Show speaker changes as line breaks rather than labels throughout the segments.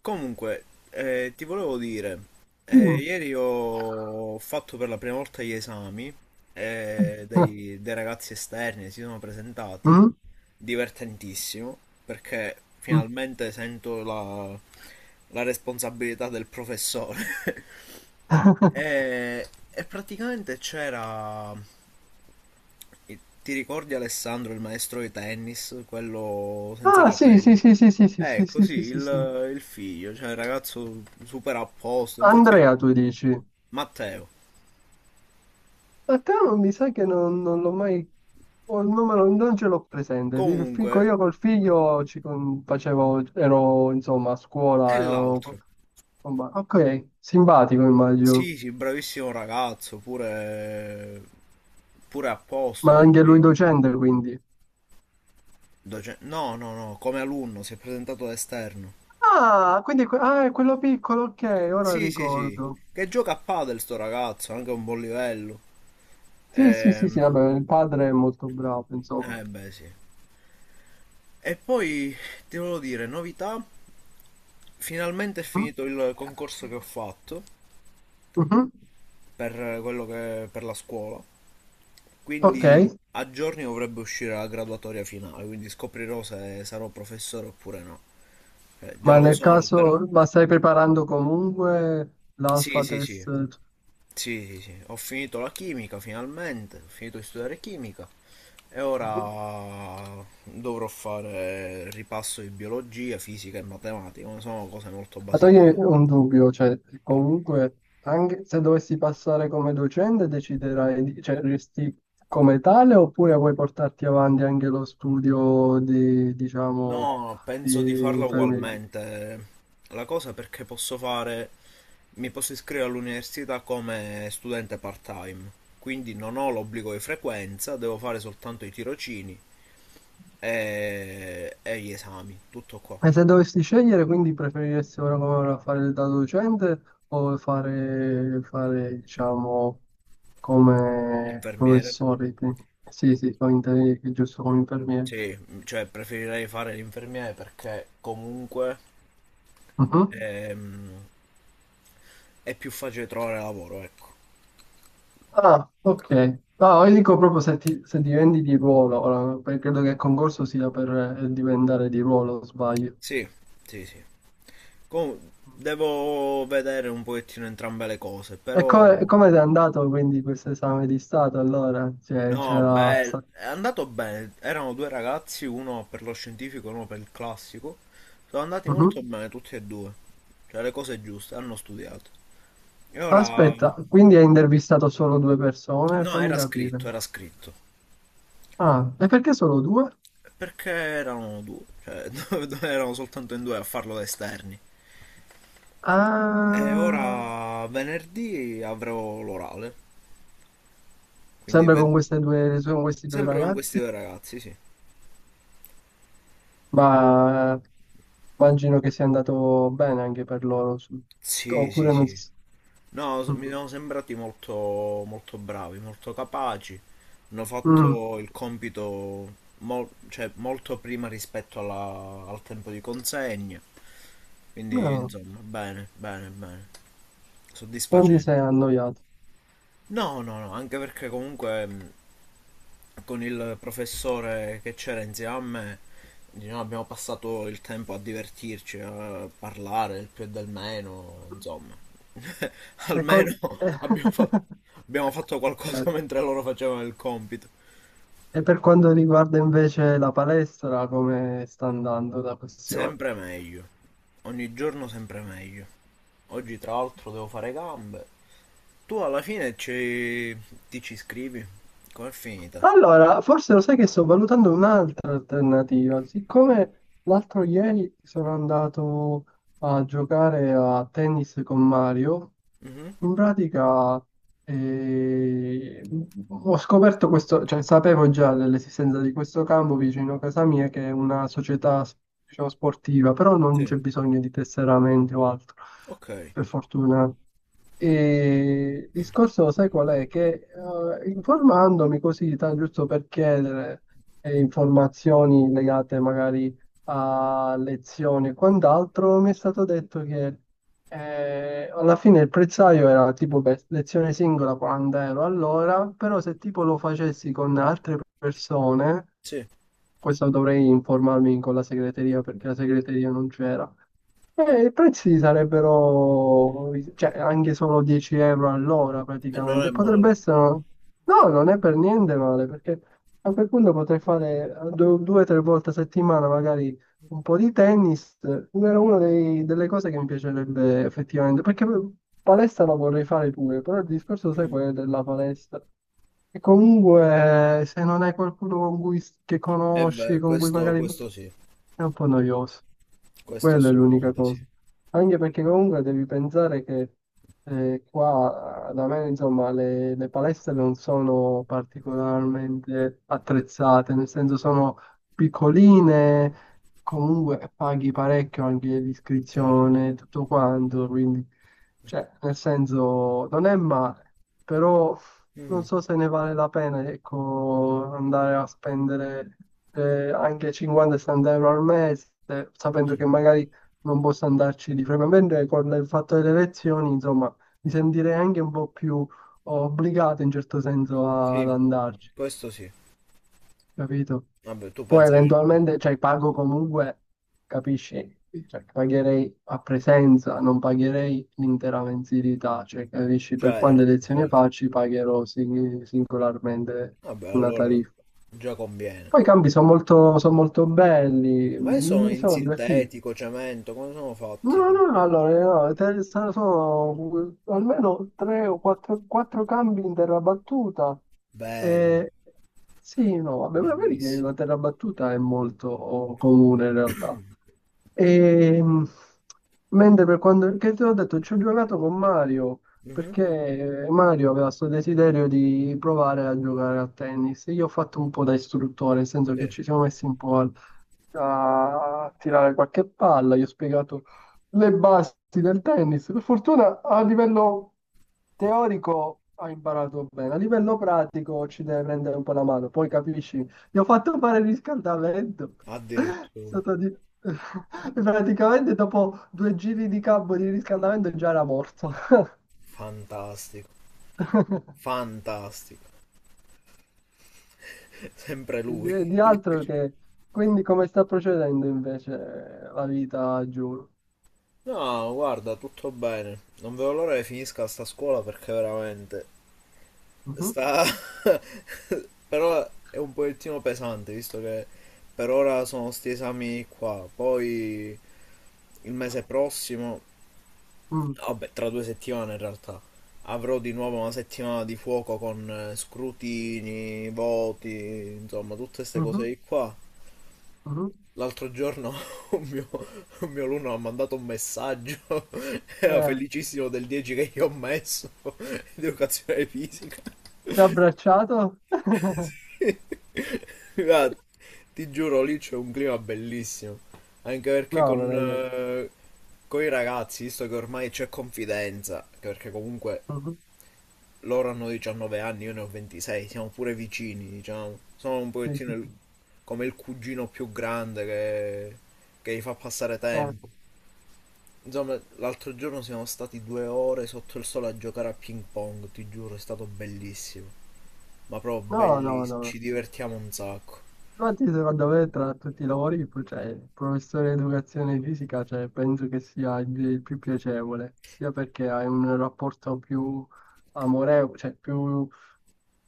Comunque, ti volevo dire,
Dimmi.
ieri ho fatto per la prima volta gli esami,
Mm?
dei ragazzi esterni si sono presentati,
Mm.
divertentissimo, perché finalmente sento la responsabilità del professore. E praticamente c'era. Ti ricordi Alessandro, il maestro di tennis, quello senza
Ah, sì, sì,
capelli?
sì, sì, sì, sì, sì,
Ecco,
sì,
sì,
sì, sì, sì.
il figlio, cioè il ragazzo super a posto. Infatti,
Andrea, tu dici.
Matteo.
A te non mi sa che non l'ho mai... o il numero non ce l'ho presente.
Comunque,
Io col figlio facevo... ero, insomma, a
è
scuola, ero...
l'altro.
Ok, simpatico immagino.
Sì, sì, bravissimo ragazzo, pure, pure a posto.
Ma
E
anche lui
lui,
docente, quindi.
no, no, no, come alunno, si è presentato da esterno.
Ah, quindi ah, è quello piccolo, ok, ora
Sì, sì, sì.
ricordo.
Che gioca a padel sto ragazzo, anche a un buon livello.
Sì, sì, sì, sì,
Ehm,
vabbè, il padre è molto bravo, insomma.
Beh, sì. E poi ti volevo dire, novità, finalmente è
Mhm.
finito il concorso che ho fatto
Mhm.
per quello che per la scuola,
Ok,
quindi a giorni dovrebbe uscire la graduatoria finale, quindi scoprirò se sarò professore oppure no. Già
ma
lo
nel
sono, però.
caso, ma stai preparando comunque
Sì,
l'alpha
sì, sì.
test?
Sì, sì, sì, ho finito la chimica finalmente, ho finito di studiare chimica e
Mhm.
ora dovrò fare ripasso di biologia, fisica e matematica, ma sono cose molto
Ma
basilari.
toglimi un dubbio, cioè comunque anche se dovessi passare come docente deciderai, cioè resti come tale oppure vuoi portarti avanti anche lo studio di, diciamo,
No, penso di
di
farla
infermieria?
ugualmente. La cosa è perché posso fare, mi posso iscrivere all'università come studente part-time, quindi non ho l'obbligo di frequenza, devo fare soltanto i tirocini e gli esami, tutto qua.
E se dovessi scegliere, quindi preferiresti ora come ora fare da docente o fare diciamo come
Infermiere.
professore. Sì, sì, giusto come infermiere.
Sì, cioè preferirei fare l'infermiere perché comunque
Mhm.
ehm, è più facile trovare lavoro, ecco.
Ah, ok. No, io dico proprio se, se diventi di ruolo, ora, perché credo che il concorso sia per diventare di ruolo, sbaglio.
Sì, sì, sì. Com- Devo vedere un pochettino entrambe le cose,
E come, e
però...
come è andato quindi questo esame di Stato allora? Cioè,
No,
c'era...
beh, è andato bene. Erano due ragazzi, uno per lo scientifico e uno per il classico. Sono andati
Mhm.
molto bene tutti e due. Cioè le cose giuste, hanno studiato. E ora...
Aspetta, quindi hai intervistato solo due persone?
No,
Fammi
era scritto,
capire.
era scritto.
Ah, e perché solo due?
Perché erano due, cioè erano soltanto in due a farlo da esterni. E
Ah,
ora venerdì avrò l'orale, quindi
sempre con queste due, con questi due
sempre con questi
ragazzi?
due ragazzi, sì.
Ma immagino che sia andato bene anche per loro,
Sì, sì,
oppure non si...
sì. No, s- Mi
Mm.
sono sembrati molto, molto bravi, molto capaci. Hanno
Mm.
fatto il compito cioè, molto prima rispetto al tempo di consegna. Quindi,
No,
insomma, bene, bene, bene.
non ti sei
Soddisfacente.
annoiato.
No, no, no, anche perché comunque con il professore che c'era insieme a me diciamo, abbiamo passato il tempo a divertirci, a parlare del più e del meno, insomma,
E, con-
almeno abbiamo fatto, abbiamo fatto qualcosa
Certo.
mentre loro facevano il compito.
E per quanto riguarda invece la palestra, come sta andando la questione?
Sempre meglio, ogni giorno sempre meglio. Oggi tra l'altro devo fare gambe. Tu alla fine ci... ti ci iscrivi? Com'è finita?
Allora, forse lo sai che sto valutando un'altra alternativa. Siccome l'altro ieri sono andato a giocare a tennis con Mario,
Mhm.
in pratica eh, ho scoperto questo, cioè sapevo già dell'esistenza di questo campo vicino a casa mia, che è una società, diciamo, sportiva, però non
Sì,
c'è bisogno di tesseramenti o altro,
ok,
per fortuna. E il discorso, sai qual è? Che informandomi così, giusto per chiedere informazioni legate magari a lezioni e quant'altro, mi è stato detto che alla fine il prezzaio era tipo per lezione singola 40 euro all'ora, però se tipo lo facessi con altre persone,
sì,
questo dovrei informarmi con la segreteria perché la segreteria non c'era. I prezzi sarebbero, cioè, anche solo 10 euro all'ora
e non è
praticamente. Potrebbe
male.
essere, no, non è per niente male, perché a quel punto potrei fare due o tre volte a settimana magari un po' di tennis. Era una delle cose che mi piacerebbe effettivamente, perché palestra la vorrei fare pure, però il discorso, sai, quello della palestra. E comunque, se non hai qualcuno con cui, che
E
conosci,
beh,
con cui
questo,
magari
questo sì.
è un po' noioso.
Questo
Quella è l'unica
assolutamente sì.
cosa. Anche perché comunque devi pensare che qua da me, insomma, le palestre non sono particolarmente attrezzate, nel senso sono piccoline, comunque paghi parecchio anche
Certo.
l'iscrizione, tutto quanto, quindi, cioè, nel senso, non è male, però non
Mhm.
so se ne vale la pena, ecco, andare a spendere anche 50-60 euro al mese, sapendo che magari non posso andarci di frequente, con il fatto delle lezioni, insomma, mi sentirei anche un po' più obbligato in certo senso ad
Sì,
andarci,
questo sì.
capito?
Vabbè, tu
Poi
pensi che...
eventualmente, cioè, pago comunque, capisci? Cioè, pagherei a presenza, non pagherei l'intera mensilità, cioè, capisci? Per quante
Certo,
lezioni
certo.
faccio, pagherò singolarmente
Vabbè,
una
allora
tariffa.
già conviene.
Poi i campi sono molto belli,
Ma io sono
mi
in
sono divertito.
sintetico, cemento, come sono
No,
fatti lì?
no, no, allora, no, sono almeno tre o quattro, quattro cambi in terra battuta.
Vero,
Eh, sì, no, vabbè, ma vedi che la
bellissimo.
terra battuta è molto comune in realtà. Ehm, Mentre per quanto, che te l'ho detto, ci ho giocato con Mario,
Mhm.
perché Mario aveva questo desiderio di provare a giocare a tennis. Io ho fatto un po' da istruttore, nel senso che
Sì,
ci siamo messi un po' a tirare qualche palla, gli ho spiegato le basi del tennis. Per fortuna a livello teorico ha imparato bene, a livello pratico ci deve prendere un po' la mano, poi capisci, gli ho fatto fare il riscaldamento. È
addirittura.
stato di- e praticamente dopo due giri di campo di riscaldamento già era morto.
Fantastico, fantastico. Sempre
E
lui.
di altro che... Quindi come sta procedendo invece la vita a Giulio?
No, guarda, tutto bene. Non vedo l'ora che finisca sta scuola perché veramente
Mhm.
sta... però è un pochettino pesante, visto che per ora sono sti esami qua. Poi il mese prossimo,
Mm.
vabbè, tra 2 settimane in realtà, avrò di nuovo una settimana di fuoco con scrutini, voti, insomma, tutte queste
Mhm.
cose di qua.
Mhm.
L'altro giorno un mio, un mio alunno ha mandato un messaggio, era
Eh,
felicissimo del 10 che io ho messo, di educazione fisica.
Ti ha abbracciato?
Guarda, ti giuro, lì c'è un clima bellissimo. Anche perché
No, me l'hai detto.
con i ragazzi, visto che ormai c'è confidenza, anche perché comunque
Mhm.
loro hanno 19 anni, io ne ho 26, siamo pure vicini, diciamo. Sono un
Sì,
pochettino
sì, sì.
come il cugino più grande che gli fa passare
Eh,
tempo. Insomma, l'altro giorno siamo stati 2 ore sotto il sole a giocare a ping pong, ti giuro, è stato bellissimo. Ma proprio
no, no,
bellissimo, ci
no.
divertiamo un sacco.
Infatti, secondo me, tra tutti i lavori, cioè, il professore di educazione fisica, cioè, penso che sia il più piacevole, sia perché hai un rapporto più amorevole, cioè più,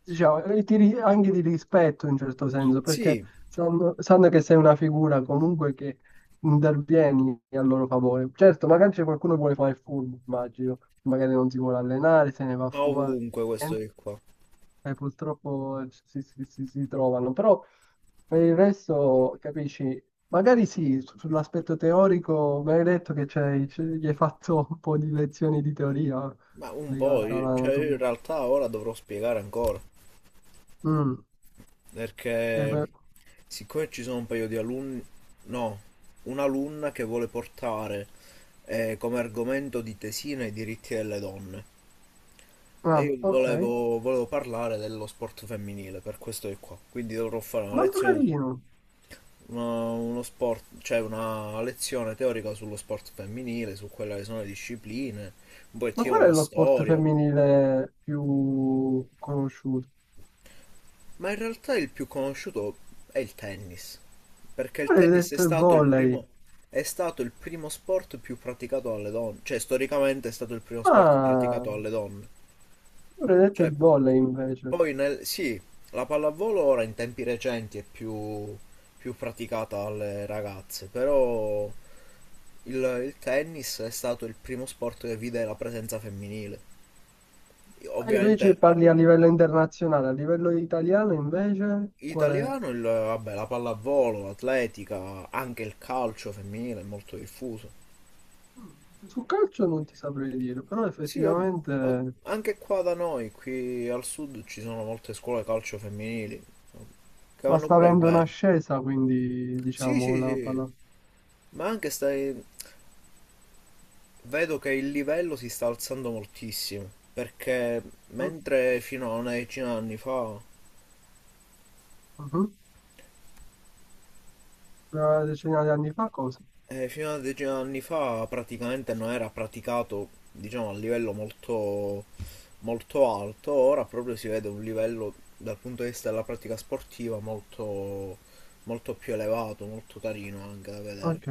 diciamo, anche di rispetto in certo senso, perché
Sì,
sanno che sei una figura comunque che intervieni a loro favore. Certo, magari c'è qualcuno che vuole fare il furbo, immagino, magari non si vuole allenare, se ne va a
ma
fumare,
ovunque questo
niente,
di qua.
e purtroppo si trovano, però... Per il resto, capisci? Magari sì, sull'aspetto teorico, mi hai detto che gli hai fatto un po' di lezioni di teoria
Ma un po',
legata
cioè io in
all'anatomia.
realtà ora dovrò spiegare ancora,
Mm, e
perché
beh,
siccome ci sono un paio di alunni, no, un'alunna che vuole portare come argomento di tesina i diritti delle donne. E
ah,
io
ok,
volevo parlare dello sport femminile, per questo di qua. Quindi dovrò fare una
molto
lezione,
carino.
uno sport, cioè una lezione teorica sullo sport femminile, su quelle che sono le discipline, un
Ma
pochettino
qual è
la
lo sport
storia.
femminile più conosciuto?
Ma in realtà il più conosciuto è il tennis, perché
Io
il
avrei
tennis è
detto il
stato il
volley.
primo, è stato il primo sport più praticato dalle donne, cioè storicamente è stato il primo sport
Ah,
praticato
io
dalle donne.
avrei detto
Cioè,
il volley invece.
poi nel, sì, la pallavolo ora in tempi recenti è più, più praticata dalle ragazze, però il, il tennis è stato il primo sport che vide la presenza femminile.
Ah, tu
Ovviamente
dici parli a livello internazionale, a livello italiano invece, qual è?
italiano, il, vabbè, la pallavolo, l'atletica, anche il calcio femminile è molto diffuso.
Mm, sul calcio non ti saprei dire, però
Sì, vabb- ma
effettivamente
anche qua da noi, qui al sud, ci sono molte scuole calcio femminili, che
ma
vanno
sta
pure
avendo
bene.
un'ascesa, quindi
Sì, sì,
diciamo la
sì,
palla.
ma anche stai... vedo che il livello si sta alzando moltissimo, perché
Mm,
mentre fino a una decina d'anni fa
mhm. Una decina di anni fa cosa?
eh, fino a 10 anni fa praticamente non era praticato, diciamo, a livello molto, molto alto, ora proprio si vede un livello dal punto di vista della pratica sportiva molto, molto più elevato, molto carino anche da vedere.
Ok.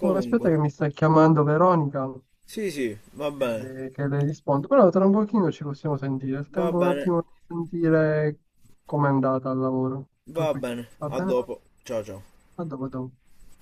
Oh, aspetta che mi sta chiamando Veronica
sì, sì, va bene,
che le rispondo, però tra un pochino ci possiamo sentire, il
va
tempo un
bene,
attimo di sentire com'è andata al lavoro. Tutto
va
qui.
bene,
Va
a
bene?
dopo, ciao ciao.
A dopo, a dopo.